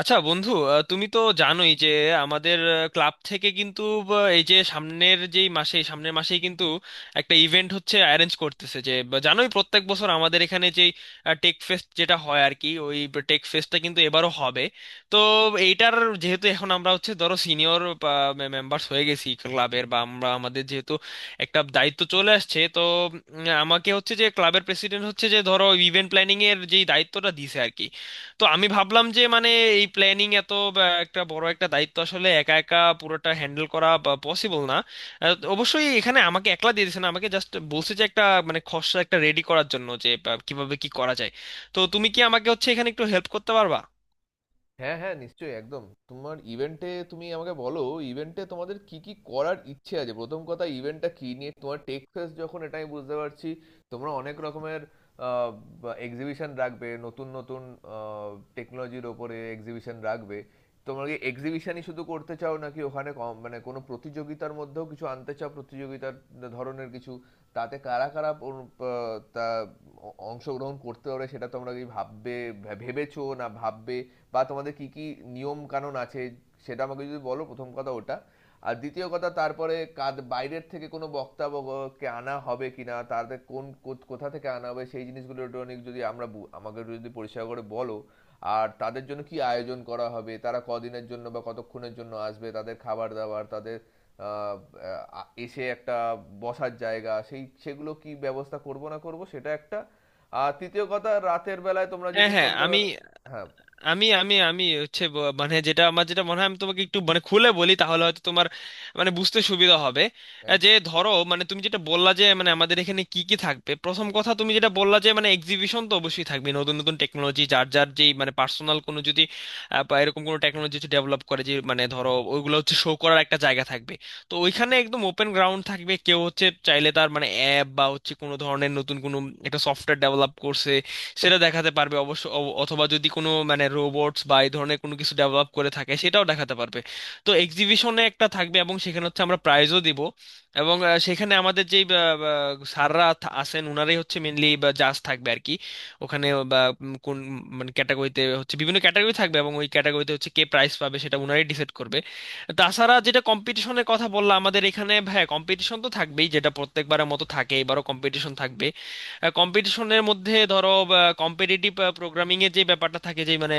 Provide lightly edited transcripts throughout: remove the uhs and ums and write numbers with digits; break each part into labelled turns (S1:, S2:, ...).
S1: আচ্ছা বন্ধু, তুমি তো জানোই যে আমাদের ক্লাব থেকে কিন্তু এই যে সামনের যেই মাসে সামনের মাসেই কিন্তু একটা ইভেন্ট হচ্ছে, অ্যারেঞ্জ করতেছে, যে বা জানোই প্রত্যেক বছর আমাদের এখানে যেই টেক ফেস্ট যেটা হয় আর কি, ওই টেক ফেস্টটা কিন্তু এবারও হবে। তো এইটার, যেহেতু এখন আমরা হচ্ছে ধরো সিনিয়র মেম্বার্স হয়ে গেছি ক্লাবের, বা আমরা আমাদের যেহেতু একটা দায়িত্ব চলে আসছে, তো আমাকে হচ্ছে যে ক্লাবের প্রেসিডেন্ট হচ্ছে যে ধরো ইভেন্ট প্ল্যানিং এর যেই দায়িত্বটা দিছে আর কি। তো আমি ভাবলাম যে মানে এই প্ল্যানিং এত একটা বড় একটা দায়িত্ব, আসলে একা একা পুরোটা হ্যান্ডেল করা পসিবল না। অবশ্যই এখানে আমাকে একলা দিয়ে দিয়েছে না, আমাকে জাস্ট বলছে যে একটা মানে খসড়া একটা রেডি করার জন্য, যে বা, কিভাবে কি করা যায়। তো তুমি কি আমাকে হচ্ছে এখানে একটু হেল্প করতে পারবা?
S2: হ্যাঁ, হ্যাঁ, নিশ্চয়ই, একদম। তোমার ইভেন্টে তুমি আমাকে বলো, ইভেন্টে তোমাদের কি কি করার ইচ্ছে আছে। প্রথম কথা, ইভেন্টটা কি নিয়ে? তোমার টেক্সাস যখন, এটা আমি বুঝতে পারছি তোমরা অনেক রকমের এক্সিবিশন রাখবে, নতুন নতুন টেকনোলজির ওপরে এক্সিবিশন রাখবে। তোমরা কি এক্সিবিশনই শুধু করতে চাও, নাকি ওখানে কম মানে কোনো প্রতিযোগিতার মধ্যেও কিছু আনতে চাও? প্রতিযোগিতার ধরনের কিছু, তাতে কারা কারা অংশগ্রহণ করতে পারে সেটা তোমরা কি ভাববে, ভেবেছো না ভাববে? বা তোমাদের কি কি নিয়ম কানুন আছে সেটা আমাকে যদি বলো, প্রথম কথা ওটা। আর দ্বিতীয় কথা, তারপরে কাদ বাইরের থেকে কোনো বক্তা কে আনা হবে কিনা, তাদের কোন কোথা থেকে আনা হবে সেই জিনিসগুলো একটু অনেক যদি আমরা আমাকে একটু যদি পরিষ্কার করে বলো। আর তাদের জন্য কি আয়োজন করা হবে, তারা কদিনের জন্য বা কতক্ষণের জন্য আসবে, তাদের খাবার দাবার, তাদের আহ, আহ, এসে একটা বসার জায়গা, সেই সেগুলো কি ব্যবস্থা করব না করব সেটা একটা। আর তৃতীয় কথা, রাতের বেলায় তোমরা
S1: হ্যাঁ,
S2: যদি
S1: হ্যাঁ, আমি
S2: সন্ধ্যেবেলা, হ্যাঁ
S1: আমি আমি আমি হচ্ছে মানে যেটা আমার যেটা মনে হয়, আমি তোমাকে একটু মানে খুলে বলি, তাহলে হয়তো তোমার মানে বুঝতে সুবিধা হবে। যে
S2: একদম।
S1: ধরো মানে তুমি যেটা বললা যে মানে আমাদের এখানে কি কি থাকবে, প্রথম কথা তুমি যেটা বললা যে মানে এক্সিবিশন তো অবশ্যই থাকবে, নতুন নতুন টেকনোলজি, যার যার যেই মানে পার্সোনাল কোনো যদি বা এরকম কোনো টেকনোলজি হচ্ছে ডেভেলপ করে, যে মানে ধরো ওইগুলো হচ্ছে শো করার একটা জায়গা থাকবে। তো ওইখানে একদম ওপেন গ্রাউন্ড থাকবে, কেউ হচ্ছে চাইলে তার মানে অ্যাপ বা হচ্ছে কোনো ধরনের নতুন কোনো একটা সফটওয়্যার ডেভেলপ করছে, সেটা দেখাতে পারবে। অবশ্য অথবা যদি কোনো মানে রোবটস বা এই ধরনের কোনো কিছু ডেভেলপ করে থাকে, সেটাও দেখাতে পারবে। তো এক্সিবিশনে একটা থাকবে, এবং সেখানে হচ্ছে আমরা প্রাইজও দিব। এবং সেখানে আমাদের যেই আহ, আহ, স্যাররা আছেন, ওনারাই হচ্ছে মেনলি জাজ থাকবে আর কি ওখানে। বা কোন মানে ক্যাটাগরিতে হচ্ছে, বিভিন্ন ক্যাটাগরি থাকবে, এবং ওই ক্যাটাগরিতে হচ্ছে কে প্রাইজ পাবে সেটা ওনারাই ডিসাইড করবে। তাছাড়া যেটা কম্পিটিশনের কথা বললাম, আমাদের এখানে হ্যাঁ কম্পিটিশন তো থাকবেই, যেটা প্রত্যেকবারের মতো থাকে, এবারও কম্পিটিশন থাকবে। কম্পিটিশনের মধ্যে ধরো কম্পিটিটিভ প্রোগ্রামিং এর যে ব্যাপারটা থাকে, যে মানে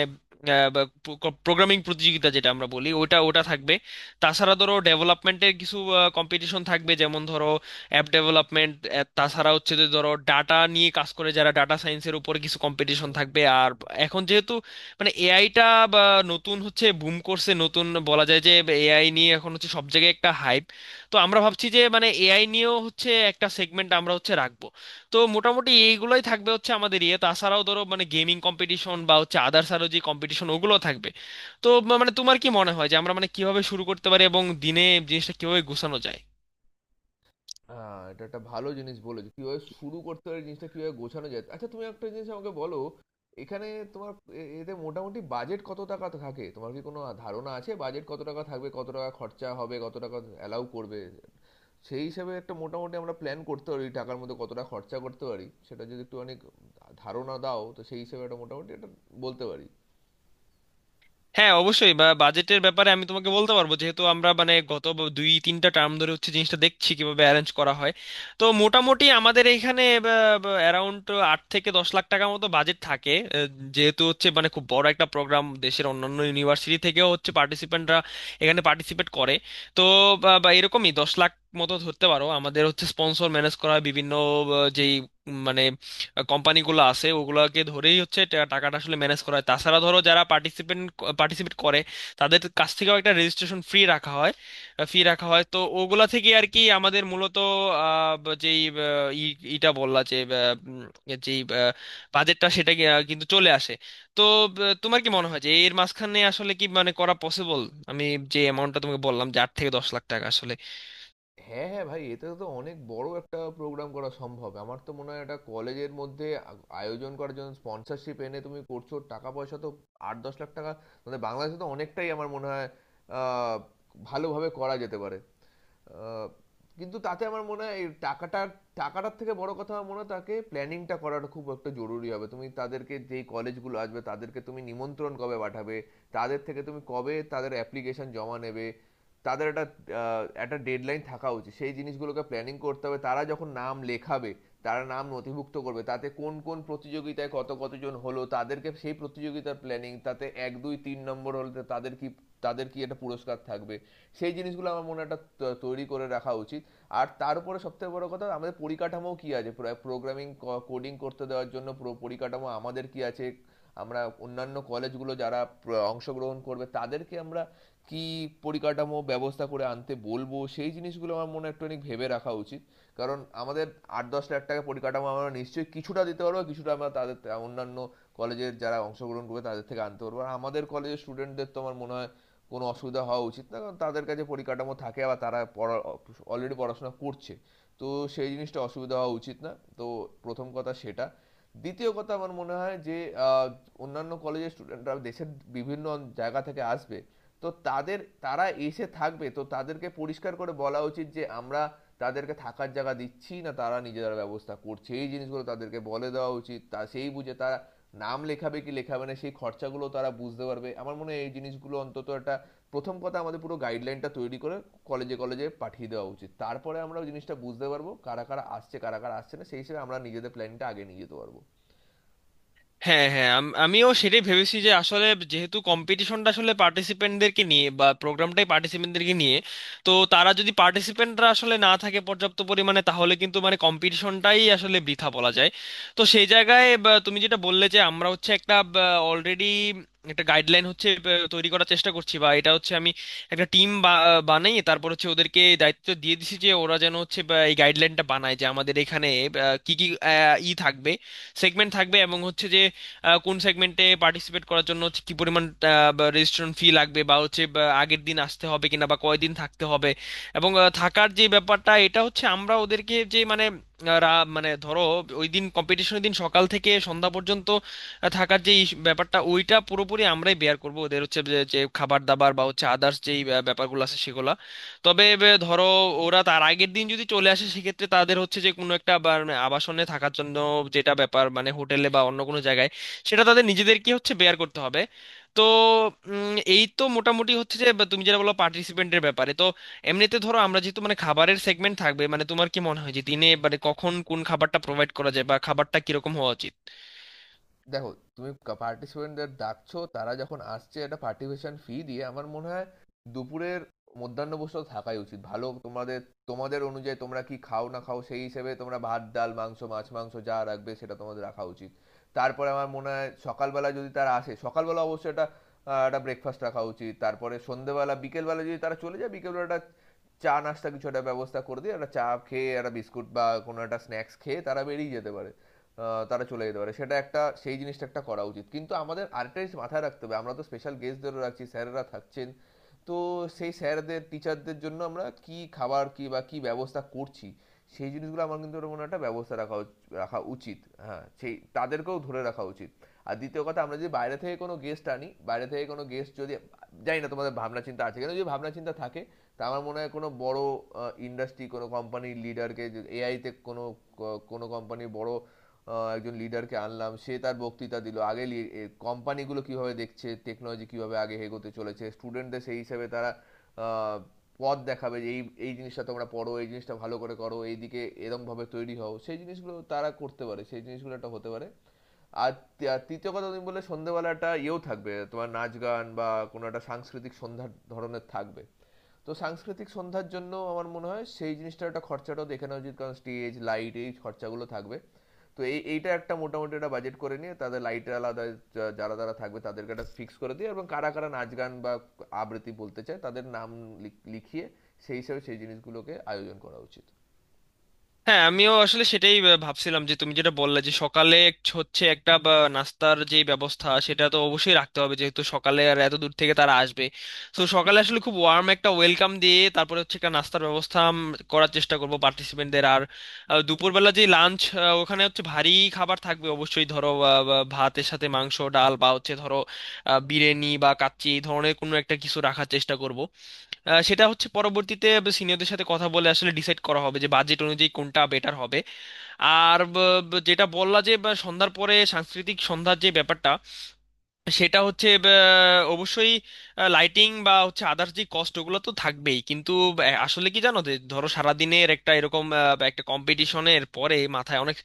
S1: প্রোগ্রামিং প্রতিযোগিতা যেটা আমরা বলি, ওটা ওটা থাকবে। তাছাড়া ধরো ডেভেলপমেন্টের কিছু কম্পিটিশন থাকবে, যেমন ধরো অ্যাপ ডেভেলপমেন্ট। তাছাড়া হচ্ছে যে ধরো ডাটা নিয়ে কাজ করে যারা, ডাটা সায়েন্সের উপরে কিছু কম্পিটিশন
S2: হুম।
S1: থাকবে। আর
S2: হুম।
S1: এখন যেহেতু মানে এআইটা বা নতুন হচ্ছে বুম করছে, নতুন বলা যায় যে, এআই নিয়ে এখন হচ্ছে সব জায়গায় একটা হাইপ। তো আমরা ভাবছি যে মানে এআই নিয়েও হচ্ছে একটা সেগমেন্ট আমরা হচ্ছে রাখবো। তো মোটামুটি এইগুলোই থাকবে হচ্ছে আমাদের ইয়ে, তাছাড়াও ধরো মানে গেমিং কম্পিটিশন বা হচ্ছে আদার্স আরো যে কম্পিটিশন, ওগুলো থাকবে। তো মানে তোমার কি মনে হয় যে আমরা মানে কিভাবে শুরু করতে পারি, এবং দিনে জিনিসটা কিভাবে গোছানো যায়?
S2: এটা একটা ভালো জিনিস বলেছো। কিভাবে শুরু করতে হয়, জিনিসটা কিভাবে গোছানো যায়। আচ্ছা, তুমি একটা জিনিস আমাকে বলো, এখানে তোমার এ এতে মোটামুটি বাজেট কত টাকা থাকে? তোমার কি কোনো ধারণা আছে বাজেট কত টাকা থাকবে? কত টাকা খরচা হবে? কত টাকা অ্যালাউ করবে? সেই হিসাবে একটা মোটামুটি আমরা প্ল্যান করতে পারি, টাকার মধ্যে কতটা খরচা করতে পারি সেটা যদি একটু অনেক ধারণা দাও, তো সেই হিসেবে একটা মোটামুটি একটা বলতে পারি।
S1: হ্যাঁ, অবশ্যই, বা বাজেটের ব্যাপারে আমি তোমাকে বলতে পারবো, যেহেতু আমরা মানে গত 2-3টা টার্ম ধরে হচ্ছে জিনিসটা দেখছি কিভাবে অ্যারেঞ্জ করা হয়। তো মোটামুটি আমাদের এইখানে অ্যারাউন্ড 8 থেকে 10 লাখ টাকার মতো বাজেট থাকে, যেহেতু হচ্ছে মানে খুব বড় একটা প্রোগ্রাম, দেশের অন্যান্য ইউনিভার্সিটি থেকেও হচ্ছে পার্টিসিপেন্টরা এখানে পার্টিসিপেট করে। তো বা বা এরকমই 10 লাখ মতো ধরতে পারো। আমাদের হচ্ছে স্পন্সর ম্যানেজ করা হয় বিভিন্ন আহ, যেই মানে কোম্পানিগুলো আছে, ওগুলোকে ধরেই হচ্ছে টাকাটা আসলে ম্যানেজ করা হয়। তাছাড়া ধরো যারা পার্টিসিপেন্ট, পার্টিসিপেট করে, তাদের কাছ থেকেও একটা রেজিস্ট্রেশন ফ্রি রাখা হয়, ফি রাখা হয়। তো ওগুলা থেকে আর কি আমাদের মূলত আহ, ব- যেই আহ, ই- ইটা বললা যে যেই বাজেটটা সেটা কি, কিন্তু চলে আসে। তো তোমার কি মনে হয় যে এর মাঝখানে আসলে কি মানে করা পসিবল, আমি যে অ্যামাউন্টটা তোমাকে বললাম যে 8 থেকে 10 লাখ টাকা আসলে?
S2: হ্যাঁ, হ্যাঁ ভাই, এতে তো অনেক বড় একটা প্রোগ্রাম করা সম্ভব। আমার তো মনে হয় এটা কলেজের মধ্যে আ আয়োজন করার জন্য স্পন্সরশিপ এনে তুমি করছো। টাকা পয়সা তো ৳৮-১০ লাখ টাকা মানে বাংলাদেশে তো অনেকটাই, আমার মনে হয় আ ভালোভাবে করা যেতে পারে। আহ, কিন্তু তাতে আমার মনে হয় এই টাকাটা, টাকাটার থেকে বড় কথা আমার মনে হয় তাকে planning টা করাটা খুব একটা জরুরি হবে। তুমি তাদেরকে যেই college গুলো আসবে তাদেরকে তুমি নিমন্ত্রণ কবে পাঠাবে, তাদের থেকে তুমি কবে তাদের application জমা নেবে, তাদের একটা একটা ডেডলাইন থাকা উচিত। সেই জিনিসগুলোকে প্ল্যানিং করতে হবে। তারা যখন নাম লেখাবে, তারা নাম নথিভুক্ত করবে, তাতে কোন কোন প্রতিযোগিতায় কত কতজন হলো তাদেরকে সেই প্রতিযোগিতার প্ল্যানিং, তাতে এক দুই তিন নম্বর হলে তাদের কি, তাদের কি একটা পুরস্কার থাকবে, সেই জিনিসগুলো আমার মনে হয় একটা তৈরি করে রাখা উচিত। আর তার উপরে সবথেকে বড় কথা, আমাদের পরিকাঠামো কি আছে? প্রোগ্রামিং কোডিং করতে দেওয়ার জন্য পুরো পরিকাঠামো আমাদের কি আছে? আমরা অন্যান্য কলেজগুলো যারা অংশগ্রহণ করবে তাদেরকে আমরা কি পরিকাঠামো ব্যবস্থা করে আনতে বলবো, সেই জিনিসগুলো আমার মনে হয় একটু অনেক ভেবে রাখা উচিত। কারণ আমাদের আট দশ লাখ টাকা, পরিকাঠামো আমরা নিশ্চয়ই কিছুটা দিতে পারবো, কিছুটা আমরা তাদের অন্যান্য কলেজের যারা অংশগ্রহণ করবে তাদের থেকে আনতে পারবো। আর আমাদের কলেজের স্টুডেন্টদের তো আমার মনে হয় কোনো অসুবিধা হওয়া উচিত না, কারণ তাদের কাছে পরিকাঠামো থাকে, বা তারা পড়া অলরেডি পড়াশোনা করছে। তো সেই জিনিসটা অসুবিধা হওয়া উচিত না। তো প্রথম কথা সেটা। দ্বিতীয় কথা আমার মনে হয় যে আহ, অন্যান্য কলেজের স্টুডেন্টরা দেশের বিভিন্ন জায়গা থেকে আসবে। তো তাদের, তারা এসে থাকবে, তো তাদেরকে পরিষ্কার করে বলা উচিত যে আমরা তাদেরকে থাকার জায়গা দিচ্ছি না, তারা নিজেরা ব্যবস্থা করছে, এই জিনিসগুলো তাদেরকে বলে দেওয়া উচিত। তা সেই বুঝে তারা নাম লেখাবে কি লেখাবে না, সেই খরচাগুলো তারা বুঝতে পারবে। আমার মনে হয় এই জিনিসগুলো অন্তত একটা, প্রথম কথা আমাদের পুরো গাইডলাইনটা তৈরি করে কলেজে কলেজে পাঠিয়ে দেওয়া উচিত। তারপরে আমরা জিনিসটা বুঝতে পারবো কারা কারা আসছে, কারা কারা আসছে না, সেই হিসেবে আমরা নিজেদের প্ল্যানিংটা আগে নিয়ে যেতে পারবো।
S1: হ্যাঁ, হ্যাঁ, আমিও সেটাই ভেবেছি যে আসলে যেহেতু কম্পিটিশনটা আসলে পার্টিসিপেন্টদেরকে নিয়ে, বা প্রোগ্রামটাই পার্টিসিপেন্টদেরকে নিয়ে, তো তারা যদি পার্টিসিপেন্টরা আসলে না থাকে পর্যাপ্ত পরিমাণে, তাহলে কিন্তু মানে কম্পিটিশনটাই আসলে বৃথা বলা যায়। তো সেই জায়গায় বা তুমি যেটা বললে যে আমরা হচ্ছে একটা অলরেডি একটা গাইডলাইন হচ্ছে, বা, তৈরি করার চেষ্টা করছি, বা এটা হচ্ছে আমি একটা টিম বানাই, তারপর হচ্ছে ওদেরকে দায়িত্ব দিয়ে দিছি যে ওরা যেন হচ্ছে, বা, এই গাইডলাইনটা বানায়, যে আমাদের এখানে বা, কি কি আহ, ই থাকবে, সেগমেন্ট থাকবে, এবং হচ্ছে যে কোন সেগমেন্টে পার্টিসিপেট করার জন্য হচ্ছে কি পরিমাণ রেজিস্ট্রেশন ফি লাগবে, বা হচ্ছে বা আগের দিন আসতে হবে কিনা, বা কয়দিন থাকতে হবে। এবং থাকার যে ব্যাপারটা, এটা হচ্ছে আমরা ওদেরকে যে মানে মানে ধরো ওই দিন, কম্পিটিশনের দিন সকাল থেকে সন্ধ্যা পর্যন্ত থাকার যে ব্যাপারটা ওইটা পুরোপুরি আমরাই বেয়ার করব, ওদের হচ্ছে যে যে খাবার দাবার বা হচ্ছে আদার্স যেই ব্যাপারগুলো আছে সেগুলা। তবে এ, ধরো ওরা তার আগের দিন যদি চলে আসে, সেক্ষেত্রে তাদের হচ্ছে যে কোনো একটা মানে, আবাসনে থাকার জন্য, যেটা ব্যাপার মানে হোটেলে বা অন্য কোনো জায়গায়, সেটা তাদের নিজেদের কি হচ্ছে বেয়ার করতে হবে। তো এই তো মোটামুটি হচ্ছে যে বা তুমি যেটা বলো পার্টিসিপেন্টের ব্যাপারে। তো এমনিতে ধরো আমরা যেহেতু মানে খাবারের সেগমেন্ট থাকবে, মানে তোমার কি মনে হয় যে দিনে মানে কখন কোন খাবারটা প্রোভাইড করা যায়, বা খাবারটা কিরকম হওয়া উচিত?
S2: দেখো, তুমি পার্টিসিপেন্টদের ডাকছো, তারা যখন আসছে একটা পার্টিসিপেশন ফি দিয়ে, আমার মনে হয় দুপুরের মধ্যাহ্ন ভোজটা থাকাই উচিত ভালো। তোমাদের, তোমাদের অনুযায়ী তোমরা কি খাও না খাও সেই হিসেবে তোমরা ভাত ডাল মাংস মাছ মাংস যা রাখবে সেটা তোমাদের রাখা উচিত। তারপরে আমার মনে হয় সকালবেলা যদি তারা আসে, সকালবেলা অবশ্যই একটা একটা ব্রেকফাস্ট রাখা উচিত। তারপরে সন্ধেবেলা বিকেলবেলা যদি তারা চলে যায়, বিকেলবেলা একটা চা নাস্তা কিছু একটা ব্যবস্থা করে দিয়ে, একটা চা খেয়ে একটা বিস্কুট বা কোনো একটা স্ন্যাক্স খেয়ে তারা বেরিয়ে যেতে পারে, তারা চলে যেতে পারে। সেটা একটা, সেই জিনিসটা একটা করা উচিত। কিন্তু আমাদের আরেকটা জিনিস মাথায় রাখতে হবে, আমরা তো স্পেশাল গেস্টদেরও রাখছি, স্যারেরা থাকছেন। তো সেই স্যারদের টিচারদের জন্য আমরা কি খাবার কি বা কি ব্যবস্থা করছি, সেই জিনিসগুলো আমার কিন্তু ওটা মনে হয় একটা ব্যবস্থা রাখা রাখা উচিত। হ্যাঁ, সেই তাদেরকেও ধরে রাখা উচিত। আর দ্বিতীয় কথা, আমরা যদি বাইরে থেকে কোনো গেস্ট আনি, বাইরে থেকে কোনো গেস্ট যদি, জানি না তোমাদের ভাবনা চিন্তা আছে কিন্তু যদি ভাবনা চিন্তা থাকে, তা আমার মনে হয় কোনো বড় ইন্ডাস্ট্রি, কোনো কোম্পানির লিডারকে, এআইতে কোনো কোনো কোম্পানির বড় একজন লিডারকে আনলাম, সে তার বক্তৃতা দিল আগে কোম্পানিগুলো কিভাবে দেখছে, টেকনোলজি কিভাবে আগে এগোতে চলেছে, স্টুডেন্টদের সেই হিসেবে তারা আহ, পথ দেখাবে যে এই এই জিনিসটা তোমরা পড়ো, এই জিনিসটা ভালো করে করো, এইদিকে এরমভাবে তৈরি হও, সেই জিনিসগুলো তারা করতে পারে, সেই জিনিসগুলো একটা হতে পারে। আর আর তৃতীয় কথা, তুমি বললে সন্ধ্যেবেলা একটা ইয়েও থাকবে, তোমার নাচ গান বা কোনো একটা সাংস্কৃতিক সন্ধ্যার ধরনের থাকবে। তো সাংস্কৃতিক সন্ধ্যার জন্য আমার মনে হয় সেই জিনিসটার একটা খরচাটাও দেখে নেওয়া উচিত, কারণ স্টেজ লাইট এই খরচাগুলো থাকবে। তো এই এইটা একটা মোটামুটি একটা বাজেট করে নিয়ে তাদের লাইটের আলাদা, যারা যারা থাকবে তাদেরকে একটা ফিক্স করে দিয়ে, এবং কারা কারা নাচ গান বা আবৃত্তি বলতে চায় তাদের নাম লিখিয়ে সেই হিসাবে সেই জিনিসগুলোকে আয়োজন করা উচিত।
S1: হ্যাঁ, আমিও আসলে সেটাই ভাবছিলাম যে তুমি যেটা বললে যে সকালে হচ্ছে একটা, বা, নাস্তার যে ব্যবস্থা সেটা তো অবশ্যই রাখতে হবে, যেহেতু সকালে আর এত দূর থেকে তারা আসবে। তো সকালে আসলে খুব ওয়ার্ম একটা ওয়েলকাম দিয়ে তারপরে হচ্ছে একটা নাস্তার ব্যবস্থা করার চেষ্টা করব পার্টিসিপেন্টদের। আর দুপুরবেলা যে লাঞ্চ, ওখানে হচ্ছে ভারী খাবার থাকবে অবশ্যই, ধরো ভাতের সাথে মাংস ডাল, বা হচ্ছে ধরো বিরিয়ানি বা কাচ্চি এই ধরনের কোনো একটা কিছু রাখার চেষ্টা করব। সেটা হচ্ছে পরবর্তীতে সিনিয়রদের সাথে কথা বলে আসলে ডিসাইড করা হবে যে বাজেট অনুযায়ী কোনটা বেটার হবে। আর যেটা বললা যে বা সন্ধ্যার পরে সাংস্কৃতিক সন্ধ্যার যে ব্যাপারটা, সেটা হচ্ছে অবশ্যই লাইটিং বা হচ্ছে আদার্স যে কস্ট, ওগুলো তো থাকবেই। কিন্তু আসলে কি জানো যে ধরো সারাদিনের একটা এরকম বা একটা কম্পিটিশনের পরে মাথায় অনেক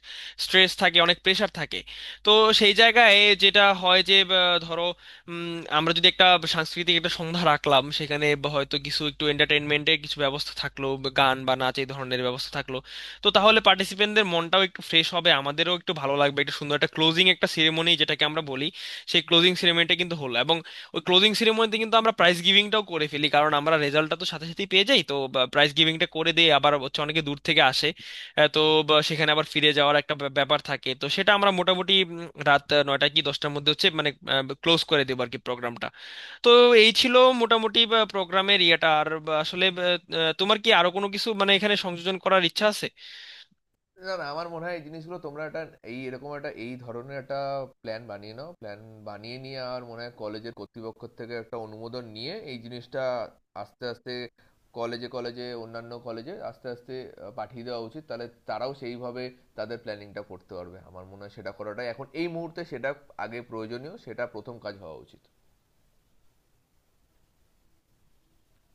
S1: স্ট্রেস থাকে, অনেক প্রেশার থাকে। তো সেই জায়গায় যেটা হয় যে ধরো আমরা যদি একটা সাংস্কৃতিক একটা সন্ধ্যা রাখলাম, সেখানে বা হয়তো কিছু একটু এন্টারটেনমেন্টের কিছু ব্যবস্থা থাকলো, বা গান বা নাচ এই ধরনের ব্যবস্থা থাকলো, তো তাহলে পার্টিসিপেন্টদের মনটাও একটু ফ্রেশ হবে, আমাদেরও একটু ভালো লাগবে, একটা সুন্দর একটা ক্লোজিং একটা সেরেমনি যেটাকে আমরা বলি, সেই ক্লোজিং সেরেমনিটা কিন্তু হলো। এবং ওই ক্লোজিং সেরেমনিতে কিন্তু আমরা প্রাইজ গিভিংটাও করে ফেলি, কারণ আমরা রেজাল্টটা তো সাথে সাথেই পেয়ে যাই। তো প্রাইজ গিভিংটা করে দিয়ে আবার হচ্ছে অনেকে দূর থেকে আসে, তো বা সেখানে আবার ফিরে যাওয়ার একটা ব্যাপার থাকে, তো সেটা আমরা মোটামুটি রাত 9টা কি 10টার মধ্যে হচ্ছে মানে ক্লোজ করে দেবো আর কি প্রোগ্রামটা। তো এই ছিল মোটামুটি প্রোগ্রামের ইয়েটা। আর বা আসলে তোমার কি আরো কোনো কিছু মানে এখানে সংযোজন করার ইচ্ছা আছে?
S2: না, না, আমার মনে হয় এই জিনিসগুলো তোমরা একটা, এই এরকম একটা এই ধরনের একটা প্ল্যান বানিয়ে নাও। প্ল্যান বানিয়ে নিয়ে আর মনে হয় কলেজের কর্তৃপক্ষ থেকে একটা অনুমোদন নিয়ে এই জিনিসটা আস্তে আস্তে কলেজে কলেজে, অন্যান্য কলেজে আস্তে আস্তে পাঠিয়ে দেওয়া উচিত। তাহলে তারাও সেইভাবে তাদের প্ল্যানিংটা করতে পারবে। আমার মনে হয় সেটা করাটাই এখন এই মুহূর্তে সেটা আগে প্রয়োজনীয়, সেটা প্রথম কাজ হওয়া উচিত।